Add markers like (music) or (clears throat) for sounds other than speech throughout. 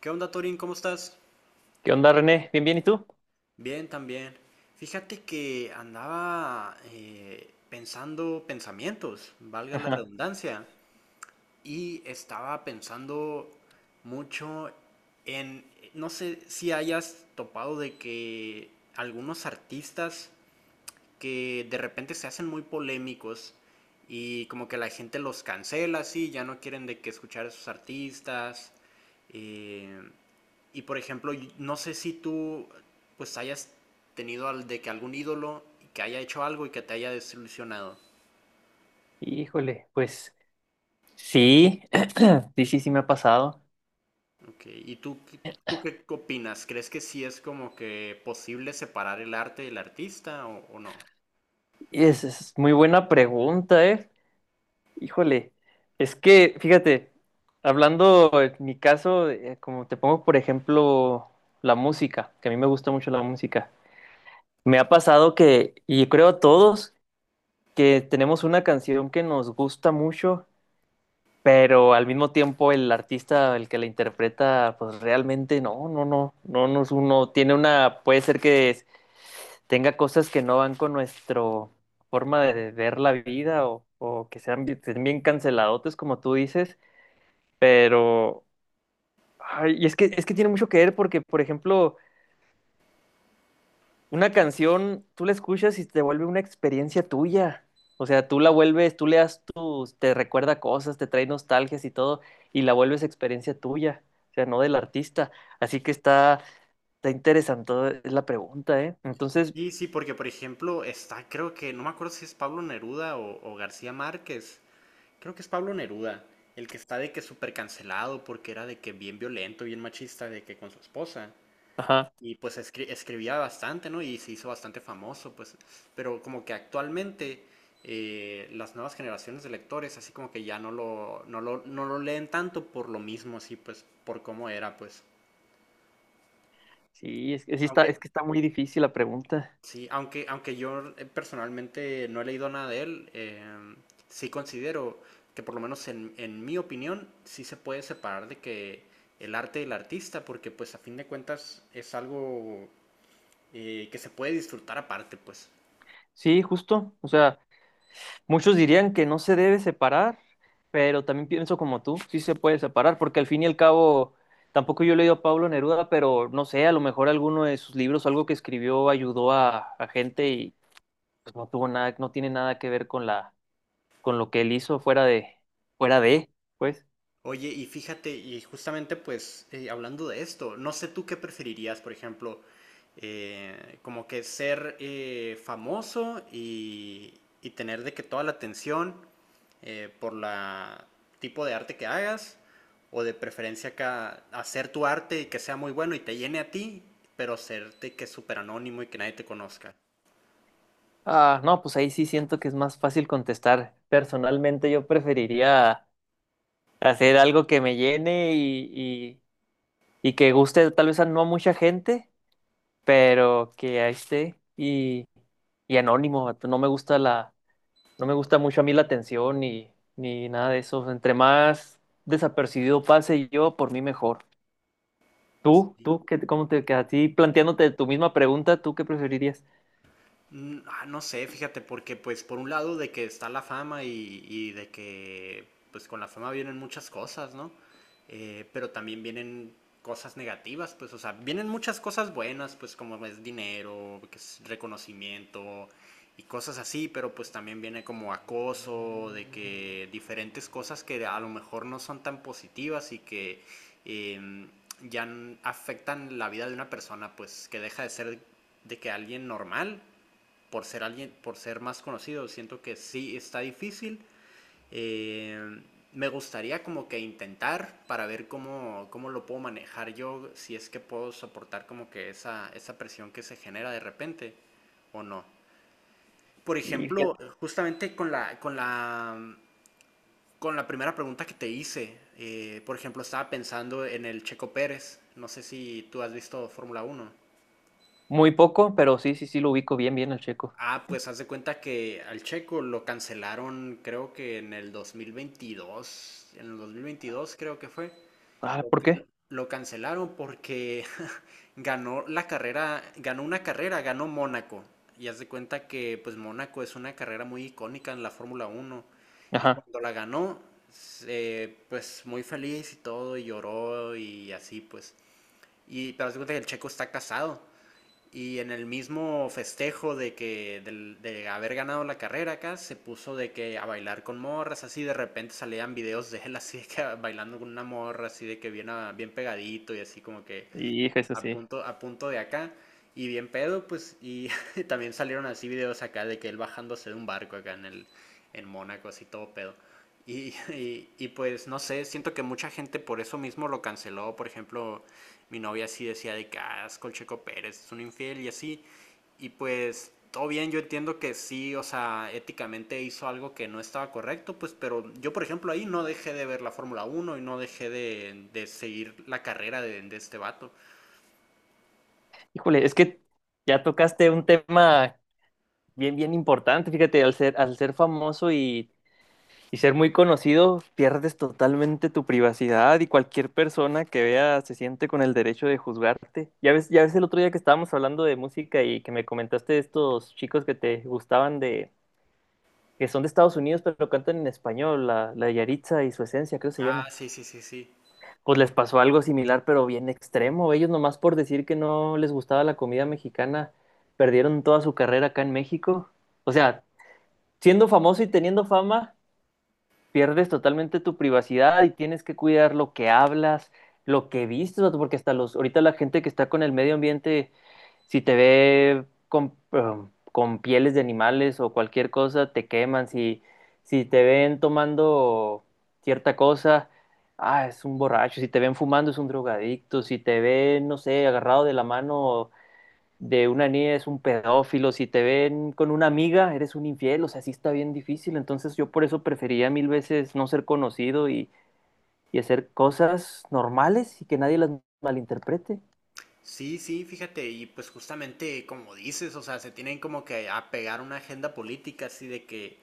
¿Qué onda, Torín? ¿Cómo estás? ¿Qué onda, René? ¿Bien, bien? ¿Y tú? Bien, también. Fíjate que andaba pensando pensamientos, valga la Ajá. redundancia, y estaba pensando mucho en, no sé si hayas topado de que algunos artistas que de repente se hacen muy polémicos y como que la gente los cancela, sí, ya no quieren de que escuchar a esos artistas. eh, Y por ejemplo, no sé si tú pues hayas tenido de que algún ídolo que haya hecho algo y que te haya desilusionado. Híjole, pues sí, (clears throat) sí, sí, sí me ha pasado. Ok, ¿ tú qué opinas? ¿Crees que sí es como que posible separar el arte del artista o no? Y es muy buena pregunta, ¿eh? Híjole, es que, fíjate, hablando en mi caso, como te pongo, por ejemplo, la música, que a mí me gusta mucho la música. Me ha pasado que, y creo a todos, que tenemos una canción que nos gusta mucho, pero al mismo tiempo el artista, el que la interpreta, pues realmente no es uno, tiene una, puede ser tenga cosas que no van con nuestro forma de ver la vida o que sean, estén bien canceladotes como tú dices, pero, ay, y es que tiene mucho que ver porque, por ejemplo, una canción, tú la escuchas y te vuelve una experiencia tuya. O sea, tú le das tus, te recuerda cosas, te trae nostalgias y todo, y la vuelves experiencia tuya, o sea, no del artista. Así está interesante es la pregunta, ¿eh? Entonces, Sí, sí, porque por ejemplo está, creo que, no me acuerdo si es Pablo Neruda o García Márquez, creo que es Pablo Neruda, el que está de que súper cancelado porque era de que bien violento, bien machista, de que con su esposa. ajá, Y pues escribía bastante, ¿no? Y se hizo bastante famoso, pues. Pero como que actualmente las nuevas generaciones de lectores, así como que ya no lo leen tanto por lo mismo, así pues, por cómo era, pues. sí, que sí está, es Aunque, que está muy difícil la pregunta. sí, aunque, aunque yo personalmente no he leído nada de él, sí considero que por lo menos en mi opinión, sí se puede separar de que el arte del artista, porque pues a fin de cuentas es algo que se puede disfrutar aparte, pues. Sí, justo, o sea, muchos dirían que no se debe separar, pero también pienso como tú, sí se puede separar, porque al fin y al cabo, tampoco yo he leído a Pablo Neruda, pero no sé, a lo mejor alguno de sus libros, algo que escribió, ayudó a gente y pues no tuvo nada, no tiene nada que ver con la, con lo que él hizo fuera de, pues. Oye, y fíjate, y justamente pues hablando de esto, no sé tú qué preferirías, por ejemplo, como que ser famoso y tener de que toda la atención por la tipo de arte que hagas, o de preferencia que hacer tu arte y que sea muy bueno y te llene a ti, pero serte que es súper anónimo y que nadie te conozca. Ah, no, pues ahí sí siento que es más fácil contestar. Personalmente yo preferiría hacer algo que me llene y que guste tal vez a no a mucha gente, pero que ahí esté y anónimo, vato. No me gusta la, no me No, gusta mucho a mí la atención ni, ni nada de eso. Entre más desapercibido pase yo, por mí mejor. Tú, sí. tú, ¿qué, cómo te quedas? A ti, planteándote tu misma pregunta, ¿tú qué preferirías? No sé, fíjate, porque pues por un lado de que está la fama y de que pues con la fama vienen muchas cosas, ¿no? Pero también vienen cosas negativas, pues, o sea, vienen muchas cosas buenas, pues como es dinero, que es reconocimiento y cosas así, pero pues también viene como acoso, de que diferentes cosas que a lo mejor no son tan positivas y que eh, ya afectan la vida de una persona, pues que deja de ser de que alguien normal por ser alguien, por ser más conocido, siento que sí está difícil. Eh, Me gustaría como que intentar para ver cómo lo puedo manejar yo, si es que puedo soportar como que esa presión que se genera de repente o no. Por Y fíjate, ejemplo, justamente con la primera pregunta que te hice, por ejemplo, estaba pensando en el Checo Pérez, no sé si tú has visto Fórmula Uno. muy poco, pero sí, sí, sí, lo ubico bien, bien al checo. Ah, pues haz de cuenta que al Checo lo cancelaron, creo que en el 2022, en el 2022 creo que fue. Ah, ¿por qué? Lo cancelaron porque (laughs) ganó la carrera, ganó una carrera, ganó Mónaco. Y haz de cuenta que pues Mónaco es una carrera muy icónica en la Fórmula Uno. Y Ajá, cuando la ganó, pues muy feliz y todo, y lloró y así pues. Y pero haz de cuenta que el Checo está casado. Y en el mismo festejo de que haber ganado la carrera acá, se puso de que a bailar con morras, así de repente salían videos de él así de que (laughs) bailando con una morra, así de que bien, ah, bien pegadito y así como que hijo, eso sí. A punto de acá. Y bien pedo, pues, y (laughs) también salieron así videos acá de que él bajándose de un barco acá en el, en Mónaco, así todo pedo. (laughs) Pues no sé, siento que mucha gente por eso mismo lo canceló. Por ejemplo, mi novia sí decía de que ah, es Colcheco Pérez es un infiel y así. Y pues todo bien, yo entiendo que sí, o sea, éticamente hizo algo que no estaba correcto, pues, pero yo por ejemplo ahí no dejé de ver la Fórmula Uno y no dejé de seguir la carrera de este vato. Híjole, es que ya tocaste un tema bien, bien importante, fíjate, al ser famoso y ser muy conocido, pierdes totalmente tu privacidad y cualquier persona que vea se siente con el derecho de juzgarte. Ya ves el otro día que estábamos hablando de música y que me comentaste de estos chicos que te gustaban de, que son de Estados Unidos pero cantan en español, la Yaritza y su esencia, creo que se Ah, llama. sí, sí, sí, sí. Pues les pasó algo similar pero bien extremo. Ellos nomás por decir que no les gustaba la comida mexicana, perdieron toda su carrera acá en México. O sea, siendo famoso y teniendo fama pierdes totalmente tu privacidad y tienes que cuidar lo que hablas, lo que vistes, vato, porque hasta los, ahorita la gente que está con el medio ambiente, si te ve con pieles de animales o cualquier cosa, te queman, si te ven tomando cierta cosa, ah, es un borracho, si te ven fumando es un drogadicto, si te ven, no sé, agarrado de la mano de una niña es un pedófilo, si te ven con una amiga, eres un infiel, o sea, sí está bien difícil. Entonces yo por eso prefería mil veces no ser conocido y hacer cosas normales y que nadie las malinterprete. Sí, sí, fíjate, y pues justamente como dices, o sea, se tienen como que apegar a una agenda política, así de que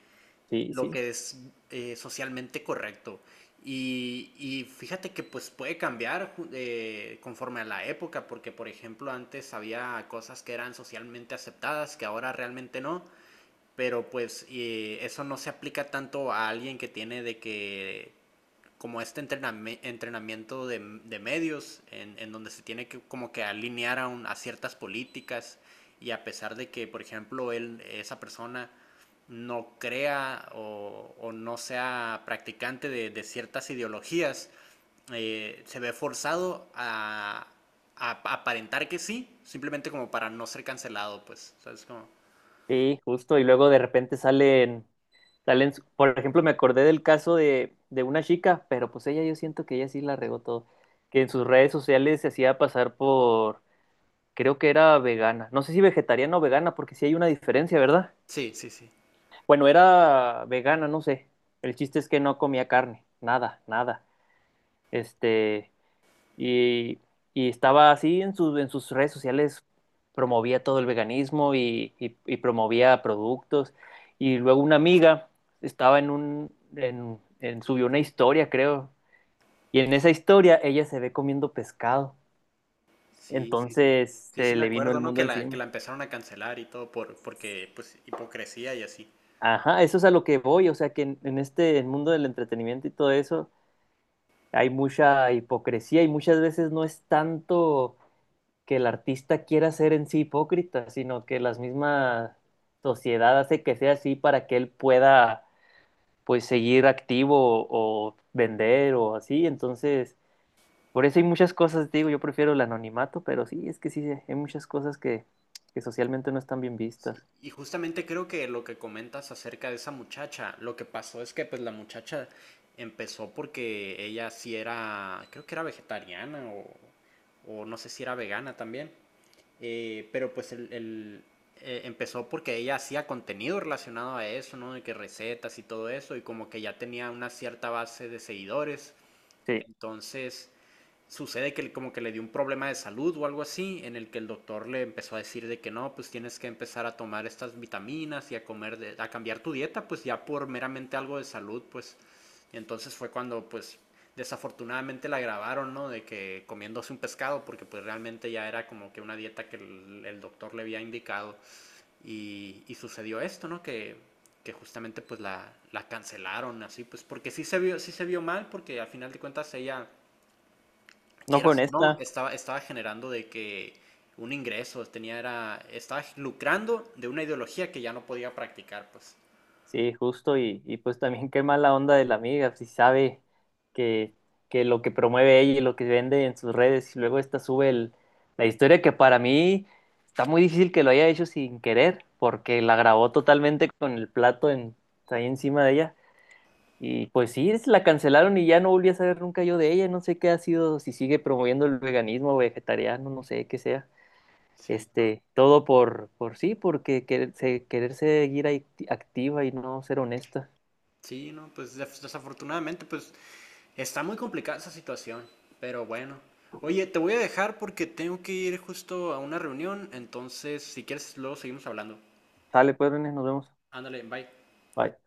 Sí, lo sí, que es socialmente correcto. Y fíjate que pues puede cambiar conforme a la época, porque por ejemplo antes había cosas que eran socialmente aceptadas, que ahora realmente no, pero pues eso no se aplica tanto a alguien que tiene de que como este entrenamiento de medios en donde se tiene que como que alinear a ciertas políticas y a pesar de que, por ejemplo, él, esa persona no crea o no sea practicante de ciertas ideologías, se ve forzado a aparentar que sí, simplemente como para no ser cancelado, pues, ¿sabes? Cómo sí, justo. Y luego de repente salen, por ejemplo, me acordé del caso de una chica, pero pues ella yo siento que ella sí la regó todo, que en sus redes sociales se hacía pasar por, creo que era vegana. No sé si vegetariana o vegana, porque sí hay una diferencia, ¿verdad? sí, sí, sí. Bueno, era vegana, no sé. El chiste es que no comía carne, nada, nada. Este, y, y estaba así sus en sus redes sociales, promovía todo el veganismo y, y promovía productos. Y luego una amiga estaba en un, en- subió una historia, creo. Y en esa historia ella se ve comiendo pescado. Sí, sí, sí. Entonces Sí, sí se me le vino acuerdo, el ¿no? mundo Que que encima. la empezaron a cancelar y todo por, porque, pues, hipocresía y así. Ajá, eso es a lo que voy, o sea que en este el mundo del entretenimiento y todo eso hay mucha hipocresía y muchas veces no es tanto que el artista quiera ser en sí hipócrita, sino que la misma sociedad hace que sea así para que él pueda pues seguir activo o vender o así. Entonces, por eso hay muchas cosas, te digo, yo prefiero el anonimato, pero sí, es que sí, hay muchas cosas que socialmente no están bien Sí. vistas. Y justamente creo que lo que comentas acerca de esa muchacha, lo que pasó es que, pues, la muchacha empezó porque ella sí era, creo que era vegetariana o no sé si era vegana también. Pero, pues, empezó porque ella hacía contenido relacionado a eso, ¿no? De que recetas y todo eso, y como que ya tenía una cierta base de seguidores. Sí, Entonces sucede que como que le dio un problema de salud o algo así, en el que el doctor le empezó a decir de que no, pues tienes que empezar a tomar estas vitaminas y a comer, a cambiar tu dieta, pues ya por meramente algo de salud, pues. Y entonces fue cuando, pues, desafortunadamente la grabaron, ¿no? De que comiéndose un pescado, porque pues realmente ya era como que una dieta que el doctor le había indicado. Y sucedió esto, ¿no? Que justamente pues la cancelaron así, pues porque sí se vio mal, porque al final de cuentas ella no fue quieras o no, honesta. estaba, estaba generando de que un ingreso, tenía, era, estaba lucrando de una ideología que ya no podía practicar, pues. Sí, justo, y pues también qué mala onda de la amiga, si sabe que, que lo que promueve ella y lo que vende en sus redes, y luego esta sube la historia que para mí está muy difícil que lo haya hecho sin querer, porque la grabó totalmente con el plato en, ahí encima de ella, y pues sí, la cancelaron y ya no volví a saber nunca yo de ella, no sé qué ha sido, si sigue promoviendo el veganismo o vegetariano, no sé qué sea. Sí, no. Este, todo por sí, porque querer seguir ahí activa y no ser honesta. Sí, no, pues desafortunadamente, pues está muy complicada esa situación, pero bueno. Oye, te voy a dejar porque tengo que ir justo a una reunión, entonces si quieres luego seguimos hablando. Sale, pues, René, nos vemos. Ándale, bye. Bye.